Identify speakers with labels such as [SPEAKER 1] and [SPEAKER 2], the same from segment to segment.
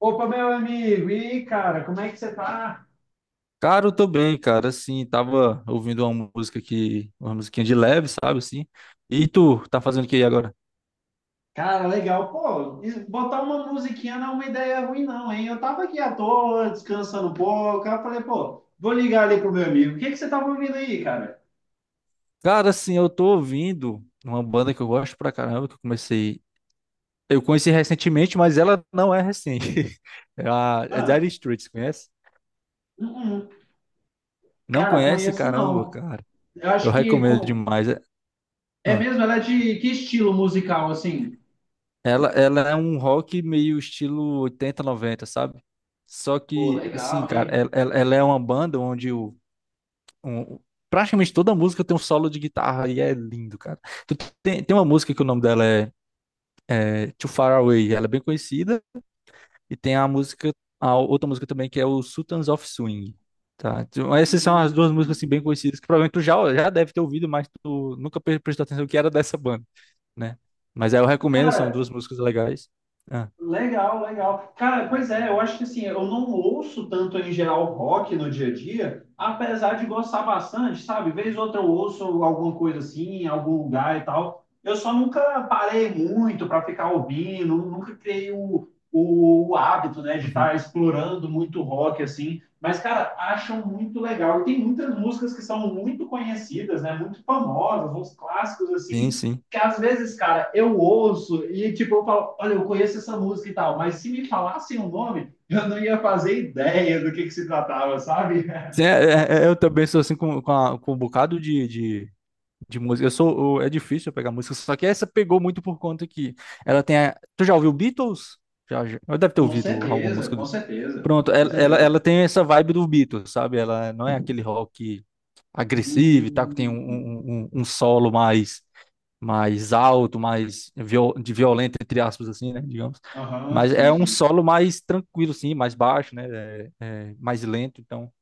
[SPEAKER 1] Opa, meu amigo! E aí, cara, como é que você tá?
[SPEAKER 2] Cara, eu tô bem, cara. Assim, tava ouvindo uma musiquinha de leve, sabe, assim. E tu, tá fazendo o que aí agora?
[SPEAKER 1] Cara, legal. Pô, botar uma musiquinha não é uma ideia ruim, não, hein? Eu tava aqui à toa, descansando um pouco. Aí eu falei, pô, vou ligar ali pro meu amigo. O que que você tava ouvindo aí, cara?
[SPEAKER 2] Cara, assim, eu tô ouvindo uma banda que eu gosto pra caramba, eu conheci recentemente, mas ela não é recente. É a é Dire
[SPEAKER 1] Ah,
[SPEAKER 2] Straits, conhece?
[SPEAKER 1] uh-uh.
[SPEAKER 2] Não
[SPEAKER 1] Cara,
[SPEAKER 2] conhece?
[SPEAKER 1] conheço
[SPEAKER 2] Caramba,
[SPEAKER 1] não.
[SPEAKER 2] cara.
[SPEAKER 1] Eu
[SPEAKER 2] Eu
[SPEAKER 1] acho que.
[SPEAKER 2] recomendo demais.
[SPEAKER 1] É
[SPEAKER 2] Ah.
[SPEAKER 1] mesmo? Ela é de que estilo musical, assim?
[SPEAKER 2] Ela é um rock meio estilo 80 90, sabe? Só
[SPEAKER 1] Pô,
[SPEAKER 2] que,
[SPEAKER 1] legal,
[SPEAKER 2] assim, cara,
[SPEAKER 1] hein?
[SPEAKER 2] ela é uma banda onde um- um, praticamente toda música tem um solo de guitarra e é lindo, cara. Tu tem uma música que o nome dela é Too Far Away, ela é bem conhecida, e tem a outra música também que é o Sultans of Swing. Tá, então, essas são as duas músicas
[SPEAKER 1] Hum.
[SPEAKER 2] assim, bem conhecidas que provavelmente tu já deve ter ouvido, mas tu nunca prestou atenção que era dessa banda, né? Mas aí eu recomendo, são duas músicas legais. Ah,
[SPEAKER 1] Legal, legal. Cara, pois é, eu acho que assim, eu não ouço tanto em geral rock no dia a dia, apesar de gostar bastante, sabe? Vez ou outra eu ouço alguma coisa assim, em algum lugar e tal. Eu só nunca parei muito para ficar ouvindo, nunca criei o hábito, né, de estar
[SPEAKER 2] uhum.
[SPEAKER 1] explorando muito rock, assim, mas, cara, acham muito legal. E tem muitas músicas que são muito conhecidas, né, muito famosas, uns clássicos,
[SPEAKER 2] Sim,
[SPEAKER 1] assim,
[SPEAKER 2] sim.
[SPEAKER 1] que às vezes, cara, eu ouço e, tipo, eu falo, olha, eu conheço essa música e tal, mas se me falassem o nome, eu não ia fazer ideia do que se tratava, sabe?
[SPEAKER 2] Sim, eu também sou assim com um bocado de música. É difícil eu pegar música, só que essa pegou muito por conta que Tu já ouviu Beatles? Já, já. Eu deve ter
[SPEAKER 1] Com
[SPEAKER 2] ouvido alguma
[SPEAKER 1] certeza,
[SPEAKER 2] música do...
[SPEAKER 1] com certeza,
[SPEAKER 2] Pronto,
[SPEAKER 1] com
[SPEAKER 2] ela, ela,
[SPEAKER 1] certeza.
[SPEAKER 2] ela tem essa vibe do Beatles, sabe? Ela não é aquele rock agressivo e tal, que tem um,
[SPEAKER 1] Hum,
[SPEAKER 2] um, um um solo mais alto, de violento, entre aspas, assim, né? Digamos.
[SPEAKER 1] aham,
[SPEAKER 2] Mas
[SPEAKER 1] sim,
[SPEAKER 2] é um
[SPEAKER 1] sim.
[SPEAKER 2] solo mais tranquilo, assim, mais baixo, né? É mais lento, então...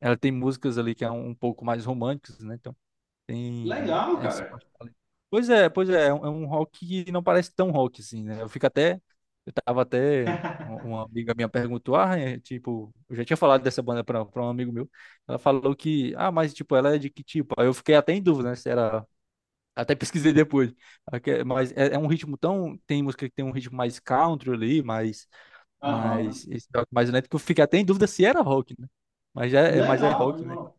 [SPEAKER 2] Ela tem músicas ali que é um pouco mais românticas, né? Então, tem
[SPEAKER 1] Legal,
[SPEAKER 2] essa
[SPEAKER 1] cara.
[SPEAKER 2] parte ali. Pois é, é um rock que não parece tão rock assim, né? Eu tava até, uma amiga minha perguntou, ah, é, tipo, eu já tinha falado dessa banda pra um amigo meu, ela falou que, ah, mas tipo, ela é de que tipo? Aí eu fiquei até em dúvida, né, se era, até pesquisei depois, mas é um ritmo tão, tem música que tem um ritmo mais country ali,
[SPEAKER 1] Aham.
[SPEAKER 2] esse rock mais lento, que eu fiquei até em dúvida se era rock, né? Mas é
[SPEAKER 1] Legal,
[SPEAKER 2] rock, né?
[SPEAKER 1] legal.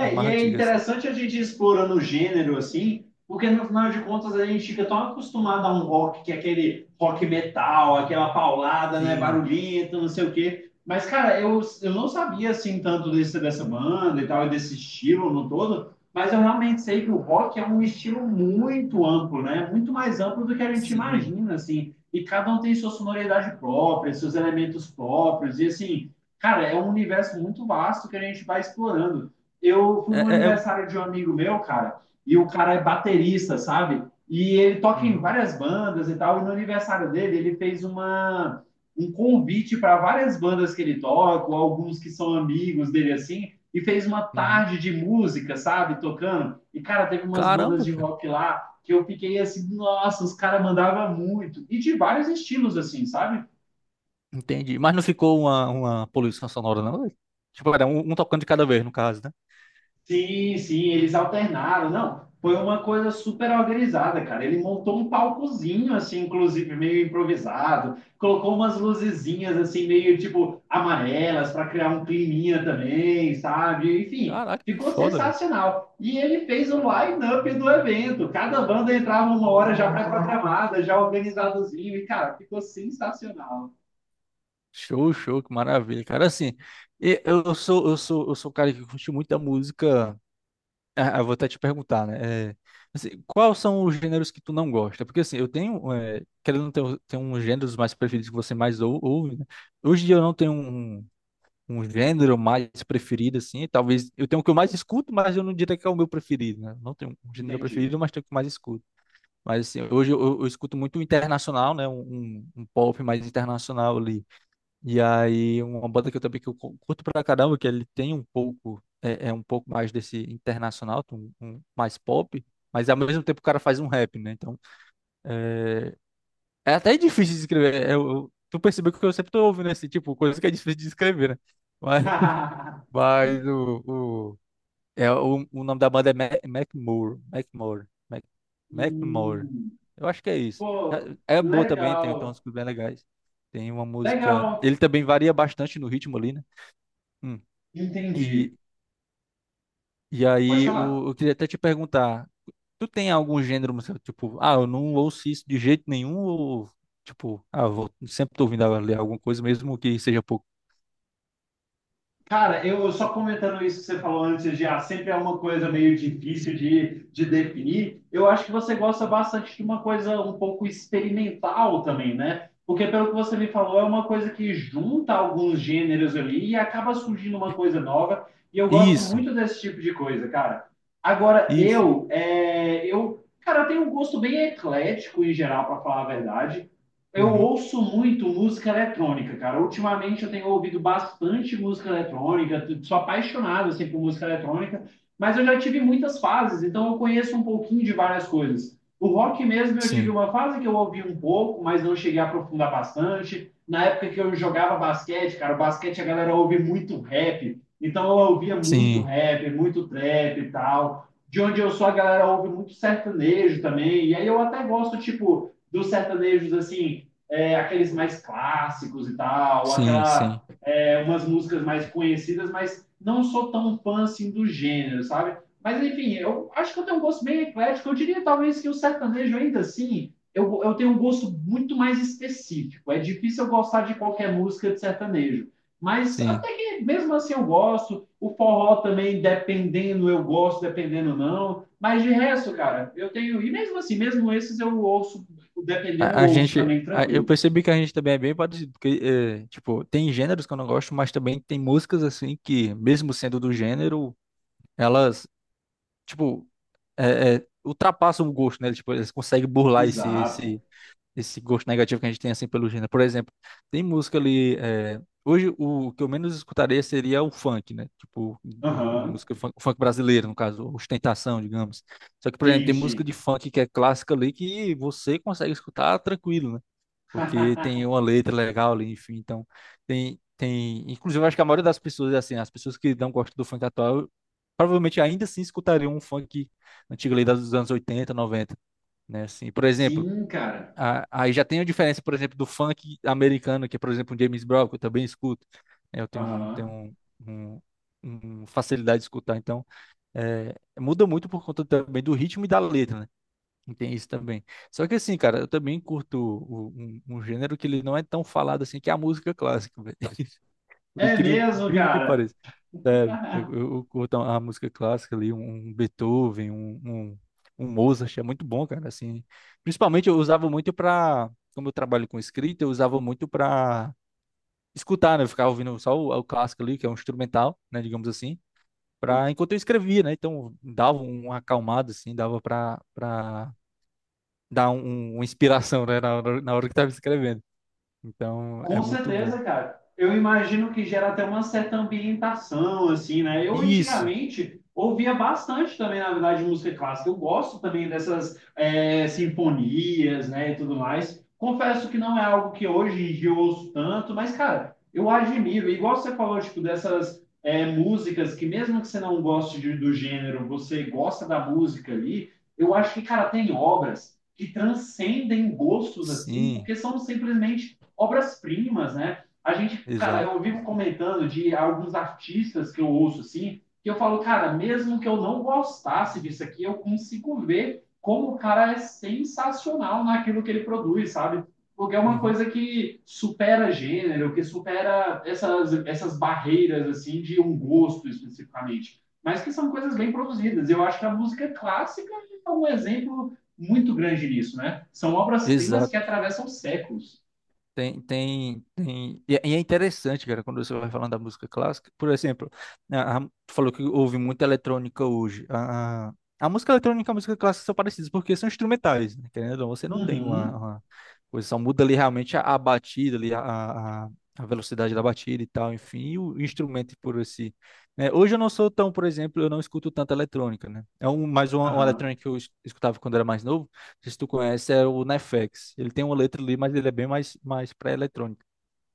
[SPEAKER 2] É
[SPEAKER 1] e
[SPEAKER 2] mais
[SPEAKER 1] é
[SPEAKER 2] antiga, assim.
[SPEAKER 1] interessante a gente ir explorando o gênero assim, porque no final de contas a gente fica tão acostumado a um rock que é aquele rock metal, aquela paulada, né,
[SPEAKER 2] Sim.
[SPEAKER 1] barulhenta, não sei o quê. Mas, cara, eu não sabia assim tanto desse, dessa banda e tal, e desse estilo no todo, mas eu realmente sei que o rock é um estilo muito amplo, né? Muito mais amplo do que a gente
[SPEAKER 2] Sim,
[SPEAKER 1] imagina, assim. E cada um tem sua sonoridade própria, seus elementos próprios, e assim, cara, é um universo muito vasto que a gente vai explorando. Eu fui
[SPEAKER 2] É,
[SPEAKER 1] no
[SPEAKER 2] é- é
[SPEAKER 1] aniversário de um amigo meu, cara, e o cara é baterista, sabe? E ele toca em
[SPEAKER 2] Uhum,
[SPEAKER 1] várias bandas e tal. E no aniversário dele, ele fez um convite para várias bandas que ele toca, ou alguns que são amigos dele assim, e fez uma
[SPEAKER 2] uhum.
[SPEAKER 1] tarde de música, sabe? Tocando. E, cara, teve umas bandas
[SPEAKER 2] Caramba,
[SPEAKER 1] de
[SPEAKER 2] cara.
[SPEAKER 1] rock lá que eu fiquei assim, nossa, os caras mandavam muito. E de vários estilos, assim, sabe?
[SPEAKER 2] Entendi. Mas não ficou uma poluição sonora, não, velho? Tipo, era um tocando de cada vez, no caso, né?
[SPEAKER 1] Sim, sim, eles alternaram. Não, foi uma coisa super organizada, cara. Ele montou um palcozinho, assim, inclusive meio improvisado, colocou umas luzezinhas, assim, meio tipo amarelas, para criar um climinha também, sabe? Enfim,
[SPEAKER 2] Caraca, que
[SPEAKER 1] ficou
[SPEAKER 2] foda, velho.
[SPEAKER 1] sensacional. E ele fez o line-up do evento. Cada banda entrava uma hora já pré-programada, já organizadozinho, e, cara, ficou sensacional.
[SPEAKER 2] Show, show, que maravilha. Cara, assim, eu sou um cara que curte muito a música. Ah, eu vou até te perguntar, né? É, assim, quais são os gêneros que tu não gosta? Porque, assim, querendo ter uns gêneros mais preferidos que você mais ouve, né? Hoje em dia eu não tenho um gênero mais preferido, assim. Talvez eu tenho o que eu mais escuto, mas eu não diria que é o meu preferido, né? Não tenho um gênero
[SPEAKER 1] Entendi.
[SPEAKER 2] preferido, mas tenho o que mais escuto. Mas assim, hoje eu escuto muito internacional, né? Um pop mais internacional ali. E aí, uma banda que eu também que eu curto pra caramba, que ele tem um pouco, é, é um pouco mais desse internacional, mais pop. Mas ao mesmo tempo o cara faz um rap, né? Então, é, é até difícil de escrever. Tu percebeu que eu sempre tô ouvindo esse tipo, coisa que é difícil de escrever, né? Mas mas o, o nome da banda é Macklemore. Macklemore.
[SPEAKER 1] Hum,
[SPEAKER 2] Eu acho que é isso.
[SPEAKER 1] pô,
[SPEAKER 2] É boa também, tem uns
[SPEAKER 1] legal.
[SPEAKER 2] músicas bem legais. Tem uma música.
[SPEAKER 1] Legal.
[SPEAKER 2] Ele também varia bastante no ritmo ali, né? Hum. E,
[SPEAKER 1] Entendi.
[SPEAKER 2] e
[SPEAKER 1] Pode
[SPEAKER 2] aí,
[SPEAKER 1] falar.
[SPEAKER 2] eu queria até te perguntar: tu tem algum gênero musical? Tipo, ah, eu não ouço isso de jeito nenhum, ou tipo, ah, sempre tô ouvindo ali alguma coisa, mesmo que seja pouco.
[SPEAKER 1] Cara, eu só comentando isso que você falou antes de ah, sempre é uma coisa meio difícil de definir. Eu acho que você gosta bastante de uma coisa um pouco experimental também, né? Porque pelo que você me falou, é uma coisa que junta alguns gêneros ali e acaba surgindo uma coisa nova. E eu gosto
[SPEAKER 2] Isso,
[SPEAKER 1] muito desse tipo de coisa, cara. Agora,
[SPEAKER 2] isso.
[SPEAKER 1] cara, eu tenho um gosto bem eclético em geral, para falar a verdade. Eu
[SPEAKER 2] Uhum.
[SPEAKER 1] ouço muito música eletrônica, cara. Ultimamente eu tenho ouvido bastante música eletrônica, sou apaixonado assim por música eletrônica, mas eu já tive muitas fases, então eu conheço um pouquinho de várias coisas. O rock mesmo eu tive
[SPEAKER 2] Sim,
[SPEAKER 1] uma fase que eu ouvi um pouco, mas não cheguei a aprofundar bastante. Na época que eu jogava basquete, cara, o basquete a galera ouve muito rap, então eu ouvia muito
[SPEAKER 2] sim,
[SPEAKER 1] rap, muito trap e tal. De onde eu sou, a galera ouve muito sertanejo também, e aí eu até gosto, tipo, dos sertanejos assim, é, aqueles mais clássicos e tal,
[SPEAKER 2] sim,
[SPEAKER 1] aquela
[SPEAKER 2] sim.
[SPEAKER 1] é, umas músicas mais conhecidas, mas não sou tão fã assim do gênero, sabe? Mas enfim, eu acho que eu tenho um gosto bem eclético. Eu diria talvez que o sertanejo ainda assim, eu tenho um gosto muito mais específico. É difícil eu gostar de qualquer música de sertanejo. Mas
[SPEAKER 2] Sim.
[SPEAKER 1] até que mesmo assim eu gosto. O forró também, dependendo, eu gosto, dependendo não. Mas de resto, cara, eu tenho. E mesmo assim, mesmo esses eu ouço, dependendo, eu
[SPEAKER 2] A, a
[SPEAKER 1] ouço
[SPEAKER 2] gente.
[SPEAKER 1] também
[SPEAKER 2] a- eu
[SPEAKER 1] tranquilo.
[SPEAKER 2] percebi que a gente também é bem parecido, porque, tipo, tem gêneros que eu não gosto, mas também tem músicas, assim, que, mesmo sendo do gênero, elas, tipo, ultrapassam o gosto, né? Tipo, eles conseguem burlar esse,
[SPEAKER 1] Exato.
[SPEAKER 2] esse, esse gosto negativo que a gente tem, assim, pelo gênero. Por exemplo, tem música ali. Hoje, o que eu menos escutaria seria o funk, né? Tipo, o
[SPEAKER 1] Aham.
[SPEAKER 2] música funk, o funk brasileiro, no caso, ostentação, digamos. Só que, por exemplo,
[SPEAKER 1] Sim,
[SPEAKER 2] tem música
[SPEAKER 1] sim.
[SPEAKER 2] de funk que é clássica ali que você consegue escutar tranquilo, né? Porque tem uma letra legal ali, enfim, então tem, inclusive eu acho que a maioria das pessoas assim, as pessoas que não gostam do funk atual, provavelmente ainda assim escutariam um funk antigo ali dos anos 80, 90, né? Assim, por exemplo,
[SPEAKER 1] Sim, cara.
[SPEAKER 2] aí já tem a diferença, por exemplo, do funk americano, que é, por exemplo, o James Brown, que eu também escuto, né. Eu tenho
[SPEAKER 1] Aham.
[SPEAKER 2] um, um facilidade de escutar, então é, muda muito por conta também do ritmo e da letra, né? Tem isso também. Só que assim, cara, eu também curto um gênero que ele não é tão falado assim, que é a música clássica, velho. Por
[SPEAKER 1] É
[SPEAKER 2] incrível que
[SPEAKER 1] mesmo,
[SPEAKER 2] incrível que
[SPEAKER 1] cara.
[SPEAKER 2] pareça. Sério, eu, eu- eu curto a música clássica ali, um Beethoven, um Mozart, é muito bom, cara, assim. Principalmente eu usava muito pra, como eu trabalho com escrita, eu usava muito pra escutar, né? Eu ficava ouvindo só o clássico ali, que é um instrumental, né, digamos assim, enquanto eu escrevia, né? Então dava uma acalmada, assim, dava pra dá uma inspiração, né, na hora que estava escrevendo. Então, é
[SPEAKER 1] Com
[SPEAKER 2] muito bom.
[SPEAKER 1] certeza, cara. Eu imagino que gera até uma certa ambientação, assim, né? Eu
[SPEAKER 2] Isso,
[SPEAKER 1] antigamente ouvia bastante também, na verdade, música clássica. Eu gosto também dessas é, sinfonias, né, e tudo mais. Confesso que não é algo que hoje em dia eu ouço tanto, mas, cara, eu admiro. Igual você falou, tipo, dessas é, músicas que mesmo que você não goste do gênero, você gosta da música ali, eu acho que, cara, tem obras que transcendem gostos, assim,
[SPEAKER 2] sim,
[SPEAKER 1] porque são simplesmente obras-primas, né? A gente, cara,
[SPEAKER 2] exato.
[SPEAKER 1] eu vivo comentando de alguns artistas que eu ouço assim, que eu falo, cara, mesmo que eu não gostasse disso aqui, eu consigo ver como o cara é sensacional naquilo que ele produz, sabe? Porque é uma
[SPEAKER 2] Uhum.
[SPEAKER 1] coisa que supera gênero, que supera essas barreiras, assim, de um gosto especificamente. Mas que são coisas bem produzidas. Eu acho que a música clássica é um exemplo muito grande nisso, né? São obras-primas que atravessam séculos.
[SPEAKER 2] Tem. É interessante, cara, quando você vai falando da música clássica. Por exemplo, a, a- tu falou que houve muita eletrônica hoje. A música eletrônica e a música clássica são parecidas, porque são instrumentais, né? Querendo ou não, você não tem uma,
[SPEAKER 1] Uhum.
[SPEAKER 2] uma coisa, só muda ali realmente a batida, ali, a, a velocidade da batida e tal, enfim, e o instrumento por si, né? Hoje eu não sou tão, por exemplo, eu não escuto tanta eletrônica, né? É mais uma
[SPEAKER 1] Aham.
[SPEAKER 2] eletrônica que eu escutava quando era mais novo. Sei se tu conhece, é o Nefex. Ele tem uma letra ali, mas ele é bem mais para eletrônica,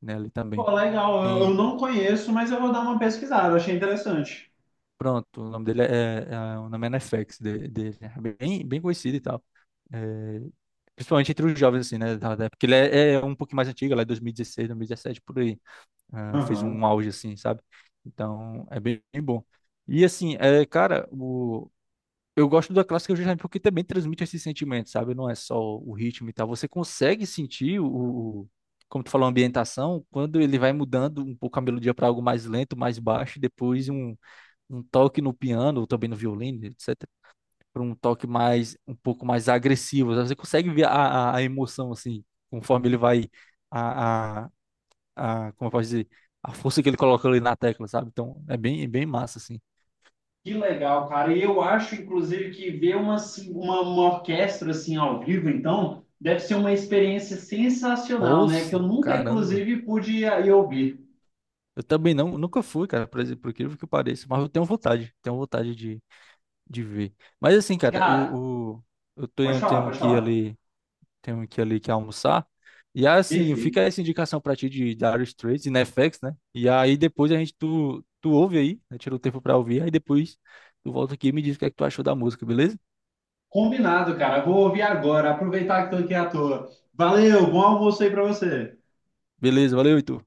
[SPEAKER 2] né? Ali também.
[SPEAKER 1] Pô, legal. Eu
[SPEAKER 2] Tem,
[SPEAKER 1] não conheço, mas eu vou dar uma pesquisada. Achei interessante.
[SPEAKER 2] pronto, o nome dele é, é- é, o nome é Nefex, dele, é bem conhecido e tal. É, principalmente entre os jovens, assim, né? Porque ele é um pouquinho mais antigo, lá é 2016, 2017, por aí. Ah, fez
[SPEAKER 1] Aham.
[SPEAKER 2] um auge, assim, sabe? Então, é bem bom. E assim, cara, eu gosto da clássica justamente porque também transmite esses sentimentos, sabe? Não é só o ritmo e tal. Você consegue sentir o- como tu falou, a ambientação, quando ele vai mudando um pouco a melodia para algo mais lento, mais baixo, e depois um toque no piano, ou também no violino, etc. Para um toque um pouco mais agressivo. Você consegue ver a emoção, assim, conforme ele vai, a, a, como eu posso dizer, a força que ele coloca ali na tecla, sabe? Então, é bem massa, assim.
[SPEAKER 1] Que legal, cara. E eu acho, inclusive, que ver uma, assim, uma orquestra assim ao vivo, então, deve ser uma experiência sensacional, né? Que eu
[SPEAKER 2] Nossa,
[SPEAKER 1] nunca,
[SPEAKER 2] caramba.
[SPEAKER 1] inclusive, pude ir ouvir.
[SPEAKER 2] Eu também não, nunca fui, cara, por exemplo, por incrível que pareça, mas eu tenho vontade de ver. Mas assim, cara,
[SPEAKER 1] Cara,
[SPEAKER 2] eu
[SPEAKER 1] pode
[SPEAKER 2] tenho,
[SPEAKER 1] falar,
[SPEAKER 2] tenho
[SPEAKER 1] pode
[SPEAKER 2] que ir
[SPEAKER 1] falar.
[SPEAKER 2] ali, tenho que ir ali, que almoçar. E assim, fica
[SPEAKER 1] Perfeito.
[SPEAKER 2] essa indicação pra ti de Dire Straits e Netflix, né? E aí depois tu ouve aí, né? Tira o tempo pra ouvir, aí depois tu volta aqui e me diz o que é que tu achou da música, beleza?
[SPEAKER 1] Combinado, cara. Vou ouvir agora. Aproveitar que estou aqui à toa. Valeu, bom almoço aí para você.
[SPEAKER 2] Beleza, valeu, Heitor.